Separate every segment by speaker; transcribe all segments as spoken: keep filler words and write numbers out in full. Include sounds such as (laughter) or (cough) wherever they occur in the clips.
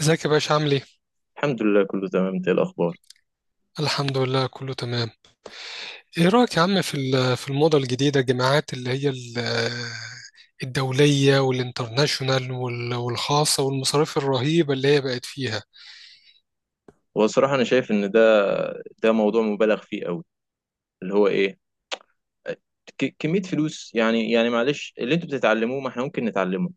Speaker 1: ازيك يا باشا، عامل ايه؟
Speaker 2: الحمد لله كله تمام. انت ايه الاخبار؟
Speaker 1: الحمد لله، كله تمام. ايه رأيك يا عم في ال- في الموضة الجديدة، الجامعات اللي هي ال- الدولية والانترناشونال وال- والخاصة والمصاريف الرهيبة اللي هي بقت فيها.
Speaker 2: هو الصراحه انا شايف ان ده ده موضوع مبالغ فيه قوي. اللي هو ايه، ك- كميه فلوس. يعني يعني معلش اللي انتوا بتتعلموه ما احنا ممكن نتعلمه،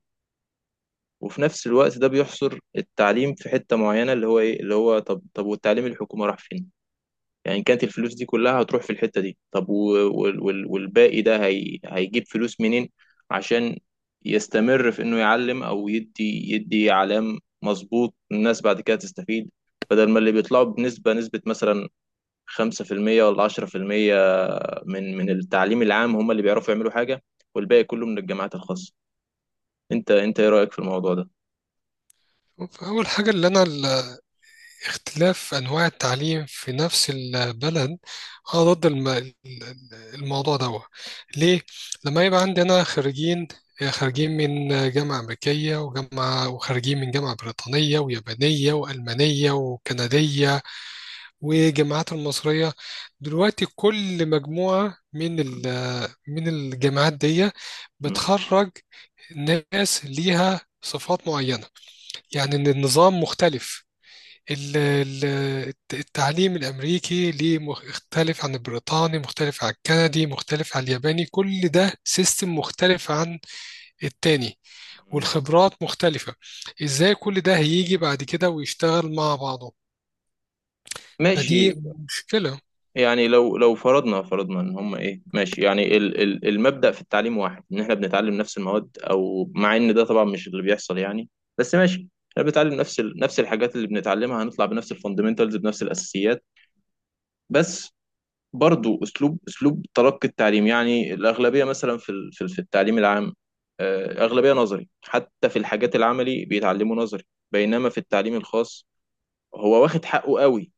Speaker 2: وفي نفس الوقت ده بيحصر التعليم في حته معينه. اللي هو ايه؟ اللي هو طب طب والتعليم الحكومه راح فين؟ يعني إن كانت الفلوس دي كلها هتروح في الحتة دي، طب و- وال- وال- والباقي ده هي هيجيب فلوس منين عشان يستمر في انه يعلم او يدي يدي اعلام مظبوط، الناس بعد كده تستفيد؟ بدل ما اللي بيطلعوا بنسبة نسبة مثلا خمسة في المية ولا عشرة في المية من من التعليم العام هم اللي بيعرفوا يعملوا حاجة، والباقي كله من الجامعات الخاصة. انت انت ايه رأيك في الموضوع ده؟
Speaker 1: فأول حاجة، اللي أنا ال- اختلاف أنواع التعليم في نفس البلد، أنا ضد الم- ال- الموضوع ده. ليه؟ لما يبقى عندنا خريجين خارجين من جامعة أمريكية، وجامعة، وخارجين من جامعة بريطانية ويابانية وألمانية وكندية، والجامعات المصرية. دلوقتي كل مجموعة من
Speaker 2: م-
Speaker 1: ال- من الجامعات دي
Speaker 2: م-
Speaker 1: بتخرج ناس ليها صفات معينة، يعني إن النظام مختلف. ال- ال- الت- التعليم الأمريكي ليه مخ- مختلف عن البريطاني، مختلف عن الكندي، مختلف عن الياباني، كل ده سيستم مختلف عن التاني،
Speaker 2: م.
Speaker 1: والخبرات مختلفة. إزاي كل ده هيجي بعد كده ويشتغل مع بعضه؟ فدي
Speaker 2: ماشي.
Speaker 1: مشكلة.
Speaker 2: يعني لو لو فرضنا فرضنا ان هم ايه، ماشي، يعني ال ال المبدأ في التعليم واحد، ان احنا بنتعلم نفس المواد، او مع ان ده طبعا مش اللي بيحصل. يعني بس ماشي، احنا بنتعلم نفس ال نفس الحاجات اللي بنتعلمها، هنطلع بنفس الفاندمنتالز، بنفس الاساسيات. بس برضو اسلوب اسلوب تلقي التعليم، يعني الاغلبية مثلا في ال- في ال- في التعليم العام، آه، اغلبية نظري، حتى في الحاجات العملي بيتعلموا نظري. بينما في التعليم الخاص هو واخد حقه قوي،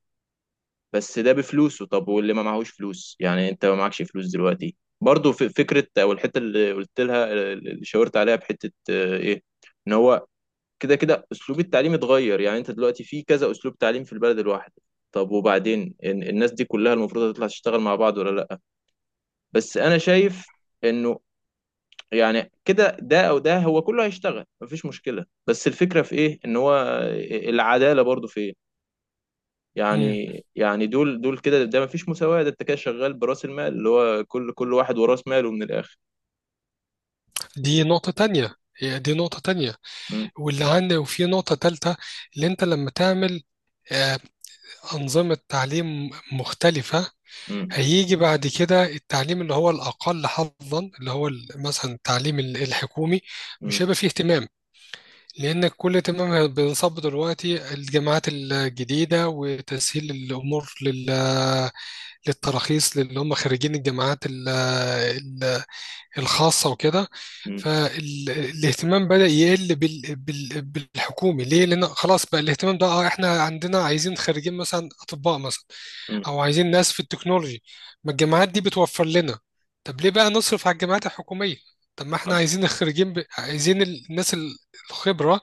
Speaker 2: بس ده بفلوسه. طب واللي ما معهوش فلوس؟ يعني انت ما معكش فلوس دلوقتي، برضو في فكرة او الحتة اللي قلت لها، اللي شاورت عليها بحتة آه، ايه، ان هو كده كده اسلوب التعليم اتغير. يعني انت دلوقتي في كذا اسلوب تعليم في البلد الواحدة. طب وبعدين ان- الناس دي كلها المفروض هتطلع تشتغل مع بعض ولا لا؟ بس انا شايف انه يعني كده ده، او ده، هو كله هيشتغل مفيش مشكلة، بس الفكرة في ايه، ان هو آه، العدالة برضو فين؟ يعني يعني دول دول كده ده ما فيش مساواة، ده انت كده شغال براس المال. اللي هو كل كل واحد وراس ماله من الآخر.
Speaker 1: دي نقطة تانية هي دي نقطة تانية،
Speaker 2: مم.
Speaker 1: واللي عندي وفي نقطة تالتة، اللي انت لما تعمل آه، أنظمة تعليم مختلفة،
Speaker 2: مم.
Speaker 1: هيجي بعد كده التعليم اللي هو الأقل حظا، اللي هو ال- مثلا التعليم ال- الحكومي، مش
Speaker 2: مم.
Speaker 1: هيبقى فيه اهتمام. لأن كل اهتمام بينصب دلوقتي الجامعات الجديدة، وتسهيل الأمور لل للتراخيص اللي هم خريجين الجامعات ال- الخاصة وكده.
Speaker 2: مم.
Speaker 1: فالاهتمام بدأ يقل بال... بال... بالحكومي. ليه؟ لأن خلاص بقى الاهتمام ده، اه احنا عندنا عايزين خريجين مثلا أطباء مثلا،
Speaker 2: مم.
Speaker 1: أو عايزين ناس في التكنولوجي، ما الجامعات دي بتوفر لنا. طب ليه بقى نصرف على الجامعات الحكومية؟ طب ما احنا
Speaker 2: حصل.
Speaker 1: عايزين الخريجين، ب... عايزين الناس ال- الخبرة،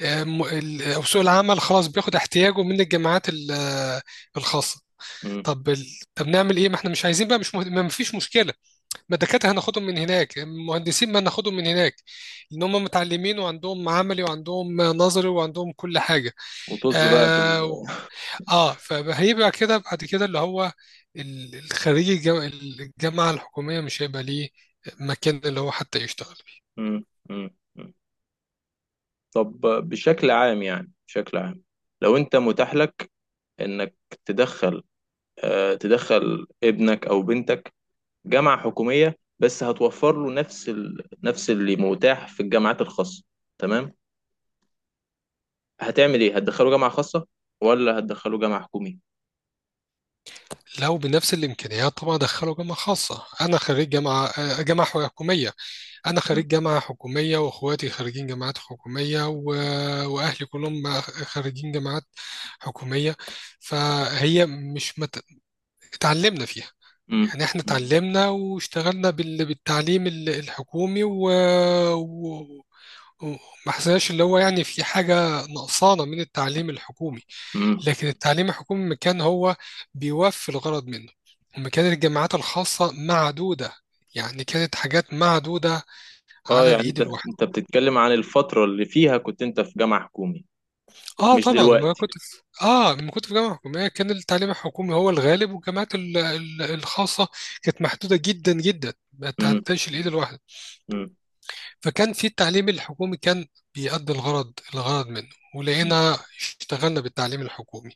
Speaker 1: آه، م- ال- أو سوق العمل خلاص بياخد احتياجه من الجامعات ال- آه، الخاصة.
Speaker 2: مم.
Speaker 1: طب ال... طب نعمل ايه؟ ما احنا مش عايزين بقى، مش مه... ما فيش مشكلة، ما الدكاترة هناخدهم من هناك، المهندسين ما هناخدهم من هناك، لأن هم متعلمين، وعندهم عملي، وعندهم نظري، وعندهم كل حاجة.
Speaker 2: وطز بقى في
Speaker 1: آه,
Speaker 2: ال...
Speaker 1: و- آه فهيبقى كده بعد كده اللي هو، ال- الخريج الجام- الجامعة الحكومية مش هيبقى ليه مكان اللي هو حتى يشتغل.
Speaker 2: مم. مم. مم. طب بشكل عام، يعني بشكل عام، لو انت متاح لك انك تدخل آه تدخل ابنك او بنتك جامعة حكومية، بس هتوفر له نفس ال... نفس اللي متاح في الجامعات الخاصة، تمام، هتعمل ايه؟ هتدخله جامعة خاصة ولا هتدخله جامعة حكومية؟
Speaker 1: لو بنفس الإمكانيات طبعا أدخله جامعة خاصة. أنا خريج جامعة آه، جامعة حكومية، أنا
Speaker 2: مم.
Speaker 1: خريج جامعة حكومية، وإخواتي خريجين جامعات حكومية، و... وأهلي كلهم ما- خريجين جامعات حكومية. فهي مش مت... اتعلمنا فيها.
Speaker 2: مم.
Speaker 1: يعني احنا اتعلمنا واشتغلنا بال... بالتعليم ال- الحكومي، و... و... وما حسناش اللي هو، يعني في حاجة نقصانة من التعليم الحكومي.
Speaker 2: مم.
Speaker 1: لكن التعليم الحكومي ما كان هو بيوفي الغرض منه، وما كانت الجامعات الخاصة معدودة، يعني كانت حاجات معدودة
Speaker 2: اه
Speaker 1: على
Speaker 2: يعني
Speaker 1: الايد
Speaker 2: انت،
Speaker 1: الواحده.
Speaker 2: انت بتتكلم عن الفترة اللي فيها كنت انت في جامعة حكومي،
Speaker 1: اه
Speaker 2: مش
Speaker 1: طبعا، ما
Speaker 2: دلوقتي؟
Speaker 1: كنت في اه لما كنت في جامعه حكوميه، كان التعليم الحكومي هو الغالب، والجامعات ال- ال- الخاصه كانت محدوده جدا جدا، ما
Speaker 2: مم.
Speaker 1: تعداش الايد الواحده.
Speaker 2: مم.
Speaker 1: فكان في التعليم الحكومي، كان بيأدي الغرض الغرض منه، ولقينا اشتغلنا بالتعليم الحكومي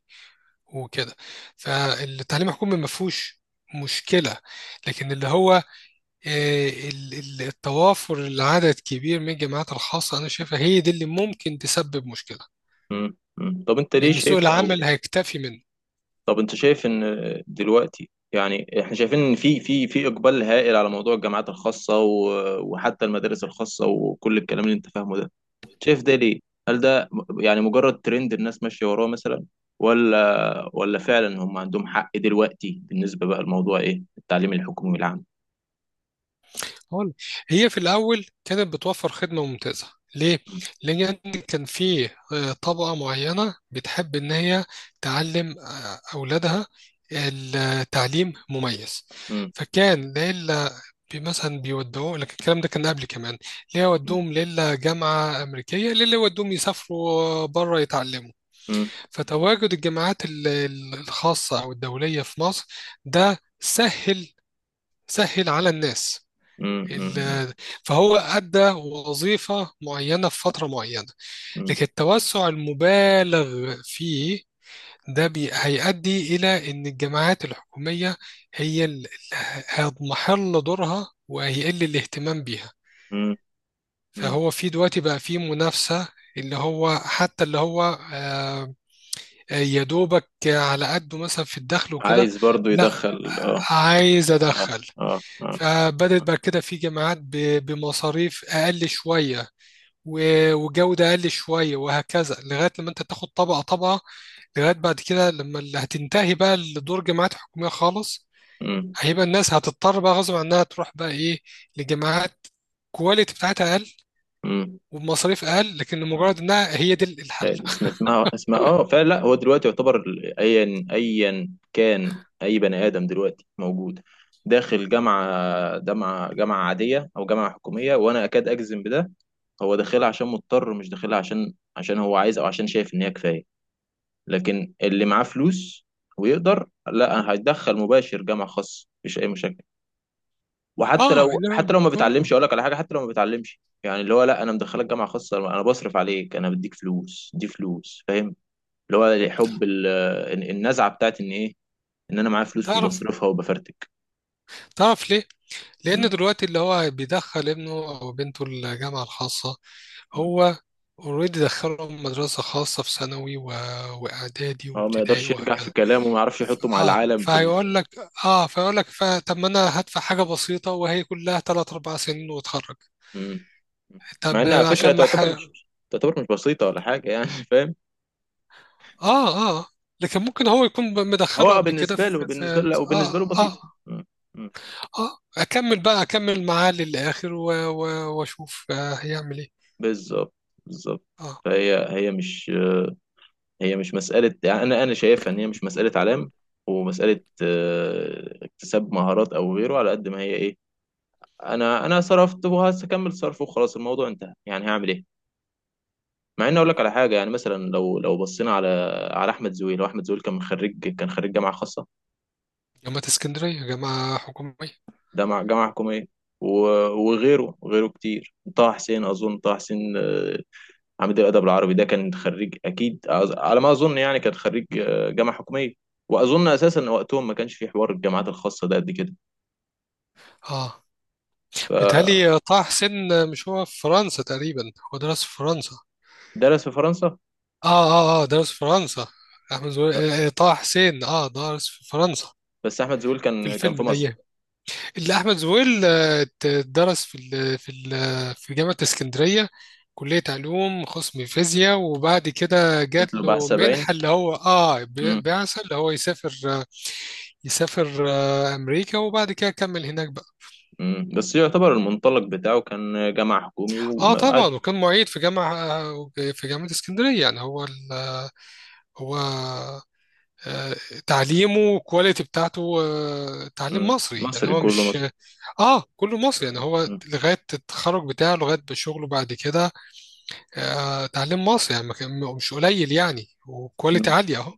Speaker 1: وكده. فالتعليم الحكومي ما فيهوش مشكله. لكن اللي هو آه، ال- ال- التوافر، العدد كبير من الجامعات الخاصه، انا شايفها هي دي اللي ممكن تسبب مشكله،
Speaker 2: مم. مم. طب انت ليه
Speaker 1: لأن
Speaker 2: شايف
Speaker 1: سوق
Speaker 2: او
Speaker 1: العمل هيكتفي منك.
Speaker 2: طب انت شايف ان دلوقتي، يعني احنا شايفين ان في في في اقبال هائل على موضوع الجامعات الخاصة، و- وحتى المدارس الخاصة، وكل الكلام اللي انت فاهمه ده، شايف ده ليه؟ هل ده م- يعني مجرد ترند الناس ماشية وراه مثلا، ولا ولا فعلا هم عندهم حق دلوقتي بالنسبة بقى لموضوع ايه التعليم الحكومي العام؟
Speaker 1: هو- هي في الأول كانت بتوفر خدمة ممتازة. ليه؟ لأن يعني كان في آه، طبقة معينة بتحب إن هي تعلم آه، أولادها التعليم مميز.
Speaker 2: مم.
Speaker 1: فكان ليلة، بي- مثلا بيودوه لك، الكلام ده كان قبل كمان، ليه
Speaker 2: مم.
Speaker 1: يودوهم ليلة جامعة أمريكية، ليه يودوهم يسافروا بره يتعلموا.
Speaker 2: مم.
Speaker 1: فتواجد الجامعات ال- ال- الخاصة أو الدولية في مصر، ده سهل، سهل على الناس.
Speaker 2: مم. مم.
Speaker 1: ال- فهو أدى وظيفة معينة في فترة معينة،
Speaker 2: مم.
Speaker 1: لكن التوسع المبالغ فيه ده، بي هيؤدي إلى إن الجامعات الحكومية هي اللي هتضمحل دورها، وهيقل الاهتمام بيها.
Speaker 2: مم. مم.
Speaker 1: فهو في دلوقتي بقى في منافسة، اللي هو حتى اللي هو آه، يا دوبك على قده، مثلا في الدخل وكده.
Speaker 2: عايز برضو
Speaker 1: لا،
Speaker 2: يدخل، اه.
Speaker 1: عايز
Speaker 2: اه.
Speaker 1: أدخل.
Speaker 2: اه. اه.
Speaker 1: فبدت بقى كده في جامعات ب- بمصاريف أقل شوية، و- وجودة أقل شوية، وهكذا، لغاية لما أنت تاخد طبقة طبقة، لغاية بعد كده لما اللي هتنتهي بقى لدور جماعات حكومية خالص،
Speaker 2: مم.
Speaker 1: هيبقى الناس هتضطر بقى غصب عنها تروح بقى إيه، لجماعات كواليتي بتاعتها أقل
Speaker 2: مم.
Speaker 1: وبمصاريف أقل، لكن
Speaker 2: مم.
Speaker 1: مجرد إنها هي دي الحل.
Speaker 2: اسم- اسمها اسمها اه فعلا. لا هو دلوقتي يعتبر ال- ايا ايا كان اي بني ادم دلوقتي موجود داخل جامعه جامعه جامعه عاديه او جامعه حكوميه، وانا اكاد اجزم بده، هو داخلها عشان مضطر، مش داخلها عشان عشان هو عايز او عشان شايف ان هي كفايه. لكن اللي معاه فلوس ويقدر، لا، هيدخل مباشر جامعة خاصة مفيش أي مشاكل. وحتى
Speaker 1: آه
Speaker 2: لو حتى
Speaker 1: إنما
Speaker 2: لو ما بيتعلمش،
Speaker 1: آه
Speaker 2: أقول لك على حاجة، حتى لو ما بيتعلمش، يعني اللي هو، لا أنا مدخلك جامعة خاصة، أنا بصرف عليك، أنا بديك فلوس، دي فلوس، فاهم؟ اللي هو حب ال- النزعة بتاعت إن إيه، إن أنا معايا فلوس
Speaker 1: تعرف
Speaker 2: وبصرفها وبفرتك.
Speaker 1: تعرف ليه؟ لأن
Speaker 2: مم.
Speaker 1: دلوقتي اللي هو بيدخل ابنه أو بنته الجامعة الخاصة،
Speaker 2: مم.
Speaker 1: هو اوريدي دخلهم مدرسة خاصة في ثانوي، و... وإعدادي
Speaker 2: هو ما
Speaker 1: وابتدائي
Speaker 2: يقدرش يرجع
Speaker 1: وهكذا.
Speaker 2: في كلامه وما يعرفش يحطه مع
Speaker 1: اه
Speaker 2: العالم في ال...
Speaker 1: فهيقول لك، اه فيقول لك ف- طب ما انا هدفع حاجه بسيطه، وهي كلها ثلاث اربعة سنين واتخرج.
Speaker 2: مم. مع
Speaker 1: طب
Speaker 2: إن على
Speaker 1: عشان
Speaker 2: فكرة
Speaker 1: ما ح...
Speaker 2: تعتبر،
Speaker 1: اه
Speaker 2: مش تعتبر مش بسيطة ولا حاجة يعني، (laughs) فاهم؟
Speaker 1: اه لكن ممكن هو يكون ب- مدخله
Speaker 2: هو
Speaker 1: قبل كده
Speaker 2: بالنسبة
Speaker 1: في,
Speaker 2: له، بالنسبة له،
Speaker 1: في...
Speaker 2: لا، وبالنسبة له
Speaker 1: اه اه
Speaker 2: بسيطة. مم. مم.
Speaker 1: اه اكمل بقى اكمل معاه للاخر، و... و... واشوف آه هيعمل ايه.
Speaker 2: بالظبط. بالظبط.
Speaker 1: اه.
Speaker 2: فهي هي مش، هي مش مسألة، يعني أنا أنا شايفها إن هي مش مسألة علام ومسألة آه، اكتساب مهارات أو غيره، على قد ما هي إيه، أنا أنا صرفت وهكمل صرف وخلاص الموضوع انتهى، يعني هعمل إيه؟ مع إني أقول لك على حاجة، يعني مثلا لو لو بصينا على على أحمد زويل. هو أحمد زويل كان خريج، كان خريج جامعة خاصة،
Speaker 1: جامعة اسكندرية، جامعة حكومية.
Speaker 2: ده مع جامعة حكومية، و- وغيره وغيره كتير. طه حسين أظن طه حسين آه، عميد الادب العربي، ده كان خريج اكيد، أظ- على ما اظن، يعني كان خريج آه، جامعه حكوميه. واظن اساسا وقتهم ما كانش في حوار الجامعات الخاصه ده قد كده.
Speaker 1: اه
Speaker 2: فدرس
Speaker 1: بيتهيألي طه حسين، مش هو في فرنسا تقريبا، هو درس في فرنسا.
Speaker 2: في فرنسا.
Speaker 1: اه اه اه درس في فرنسا. احمد زويل، آه، آه، طه حسين اه درس في فرنسا،
Speaker 2: بس احمد زويل
Speaker 1: في
Speaker 2: كان كان
Speaker 1: الفيلم
Speaker 2: في
Speaker 1: الايام.
Speaker 2: مصر.
Speaker 1: اللي احمد زويل آه، ت- درس في ال في ال في جامعه اسكندريه، كليه علوم قسم فيزياء، وبعد كده
Speaker 2: جات
Speaker 1: جات
Speaker 2: له
Speaker 1: له
Speaker 2: بعثه باين.
Speaker 1: منحه، اللي هو اه
Speaker 2: امم.
Speaker 1: بي- بعثه، اللي هو يسافر آه، يسافر آه، امريكا، وبعد كده كمل هناك بقى.
Speaker 2: أمم. بس يعتبر المنطلق بتاعه كان جامعه حكومي
Speaker 1: اه طبعا،
Speaker 2: وعادي.
Speaker 1: وكان معيد في جامعه آه، في جامعه اسكندريه. يعني هو ال- هو آه، تعليمه، والكواليتي بتاعته آه، تعليم
Speaker 2: أمم.
Speaker 1: مصري، يعني
Speaker 2: مصري
Speaker 1: هو
Speaker 2: كله
Speaker 1: مش،
Speaker 2: مصري.
Speaker 1: اه، كله مصري. يعني هو
Speaker 2: أمم.
Speaker 1: لغايه التخرج بتاعه، لغايه شغله بعد كده، آه، تعليم مصري، يعني ما كان- مش قليل يعني، وكواليتي
Speaker 2: أمم.
Speaker 1: عاليه اهو.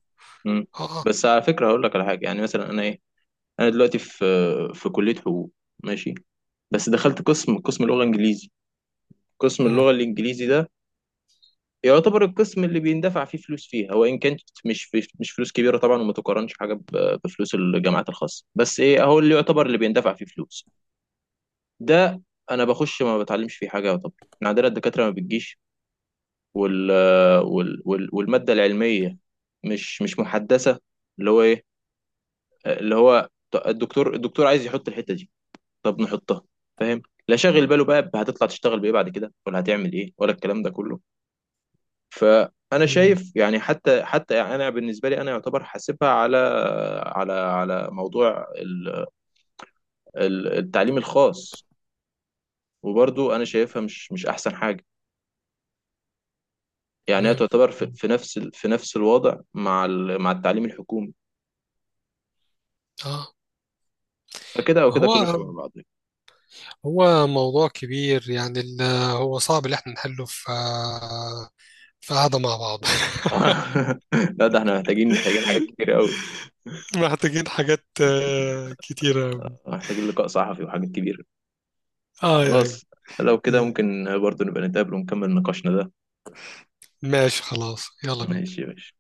Speaker 2: أمم.
Speaker 1: اه، اه.
Speaker 2: بس على فكره هقول لك على حاجه، يعني مثلا انا ايه، انا دلوقتي في في كليه حقوق، ماشي، بس دخلت قسم قسم لغه انجليزي. قسم
Speaker 1: مم،
Speaker 2: اللغه الانجليزي ده يعتبر القسم اللي بيندفع فيه فلوس فيها، وان كانت مش مش فلوس كبيره طبعا، وما تقارنش حاجه ب- بفلوس الجامعات الخاصه، بس ايه هو اللي يعتبر اللي بيندفع فيه فلوس ده. انا بخش ما بتعلمش فيه حاجه يعتبر. إحنا عندنا الدكاتره ما بتجيش، وال وال وال والماده العلميه مش مش محدثه. اللي هو ايه، اللي هو الدكتور الدكتور عايز يحط الحته دي، طب نحطها، فاهم؟ لا شاغل باله بقى هتطلع تشتغل بايه بعد كده، ولا هتعمل ايه، ولا الكلام ده كله. فانا
Speaker 1: مم،
Speaker 2: شايف يعني حتى حتى انا بالنسبه لي انا يعتبر حاسبها على على على موضوع ال- ال- التعليم الخاص، وبرضو انا شايفها مش مش احسن حاجه. يعني هي
Speaker 1: تمام.
Speaker 2: تعتبر في
Speaker 1: مم،
Speaker 2: في نفس ال- في نفس الوضع مع ال- مع التعليم الحكومي.
Speaker 1: اه.
Speaker 2: فكده او
Speaker 1: ما
Speaker 2: كده
Speaker 1: هو
Speaker 2: كله شبه بعض.
Speaker 1: هو موضوع كبير، يعني ال- هو صعب اللي احنا نحله في آه، في قعده مع بعض.
Speaker 2: (laughs) لا ده احنا محتاجين محتاجين حاجات كتير
Speaker 1: (laughs)
Speaker 2: قوي.
Speaker 1: محتاجين حاجات آه، كتيره أوي.
Speaker 2: محتاجين لقاء صحفي وحاجات كبيره.
Speaker 1: اه،
Speaker 2: خلاص، لو كده
Speaker 1: ايوه،
Speaker 2: ممكن برضو نبقى نتقابل ونكمل نقاشنا ده.
Speaker 1: ماشي، خلاص، يلا
Speaker 2: ماشي
Speaker 1: بينا.
Speaker 2: يا باشا.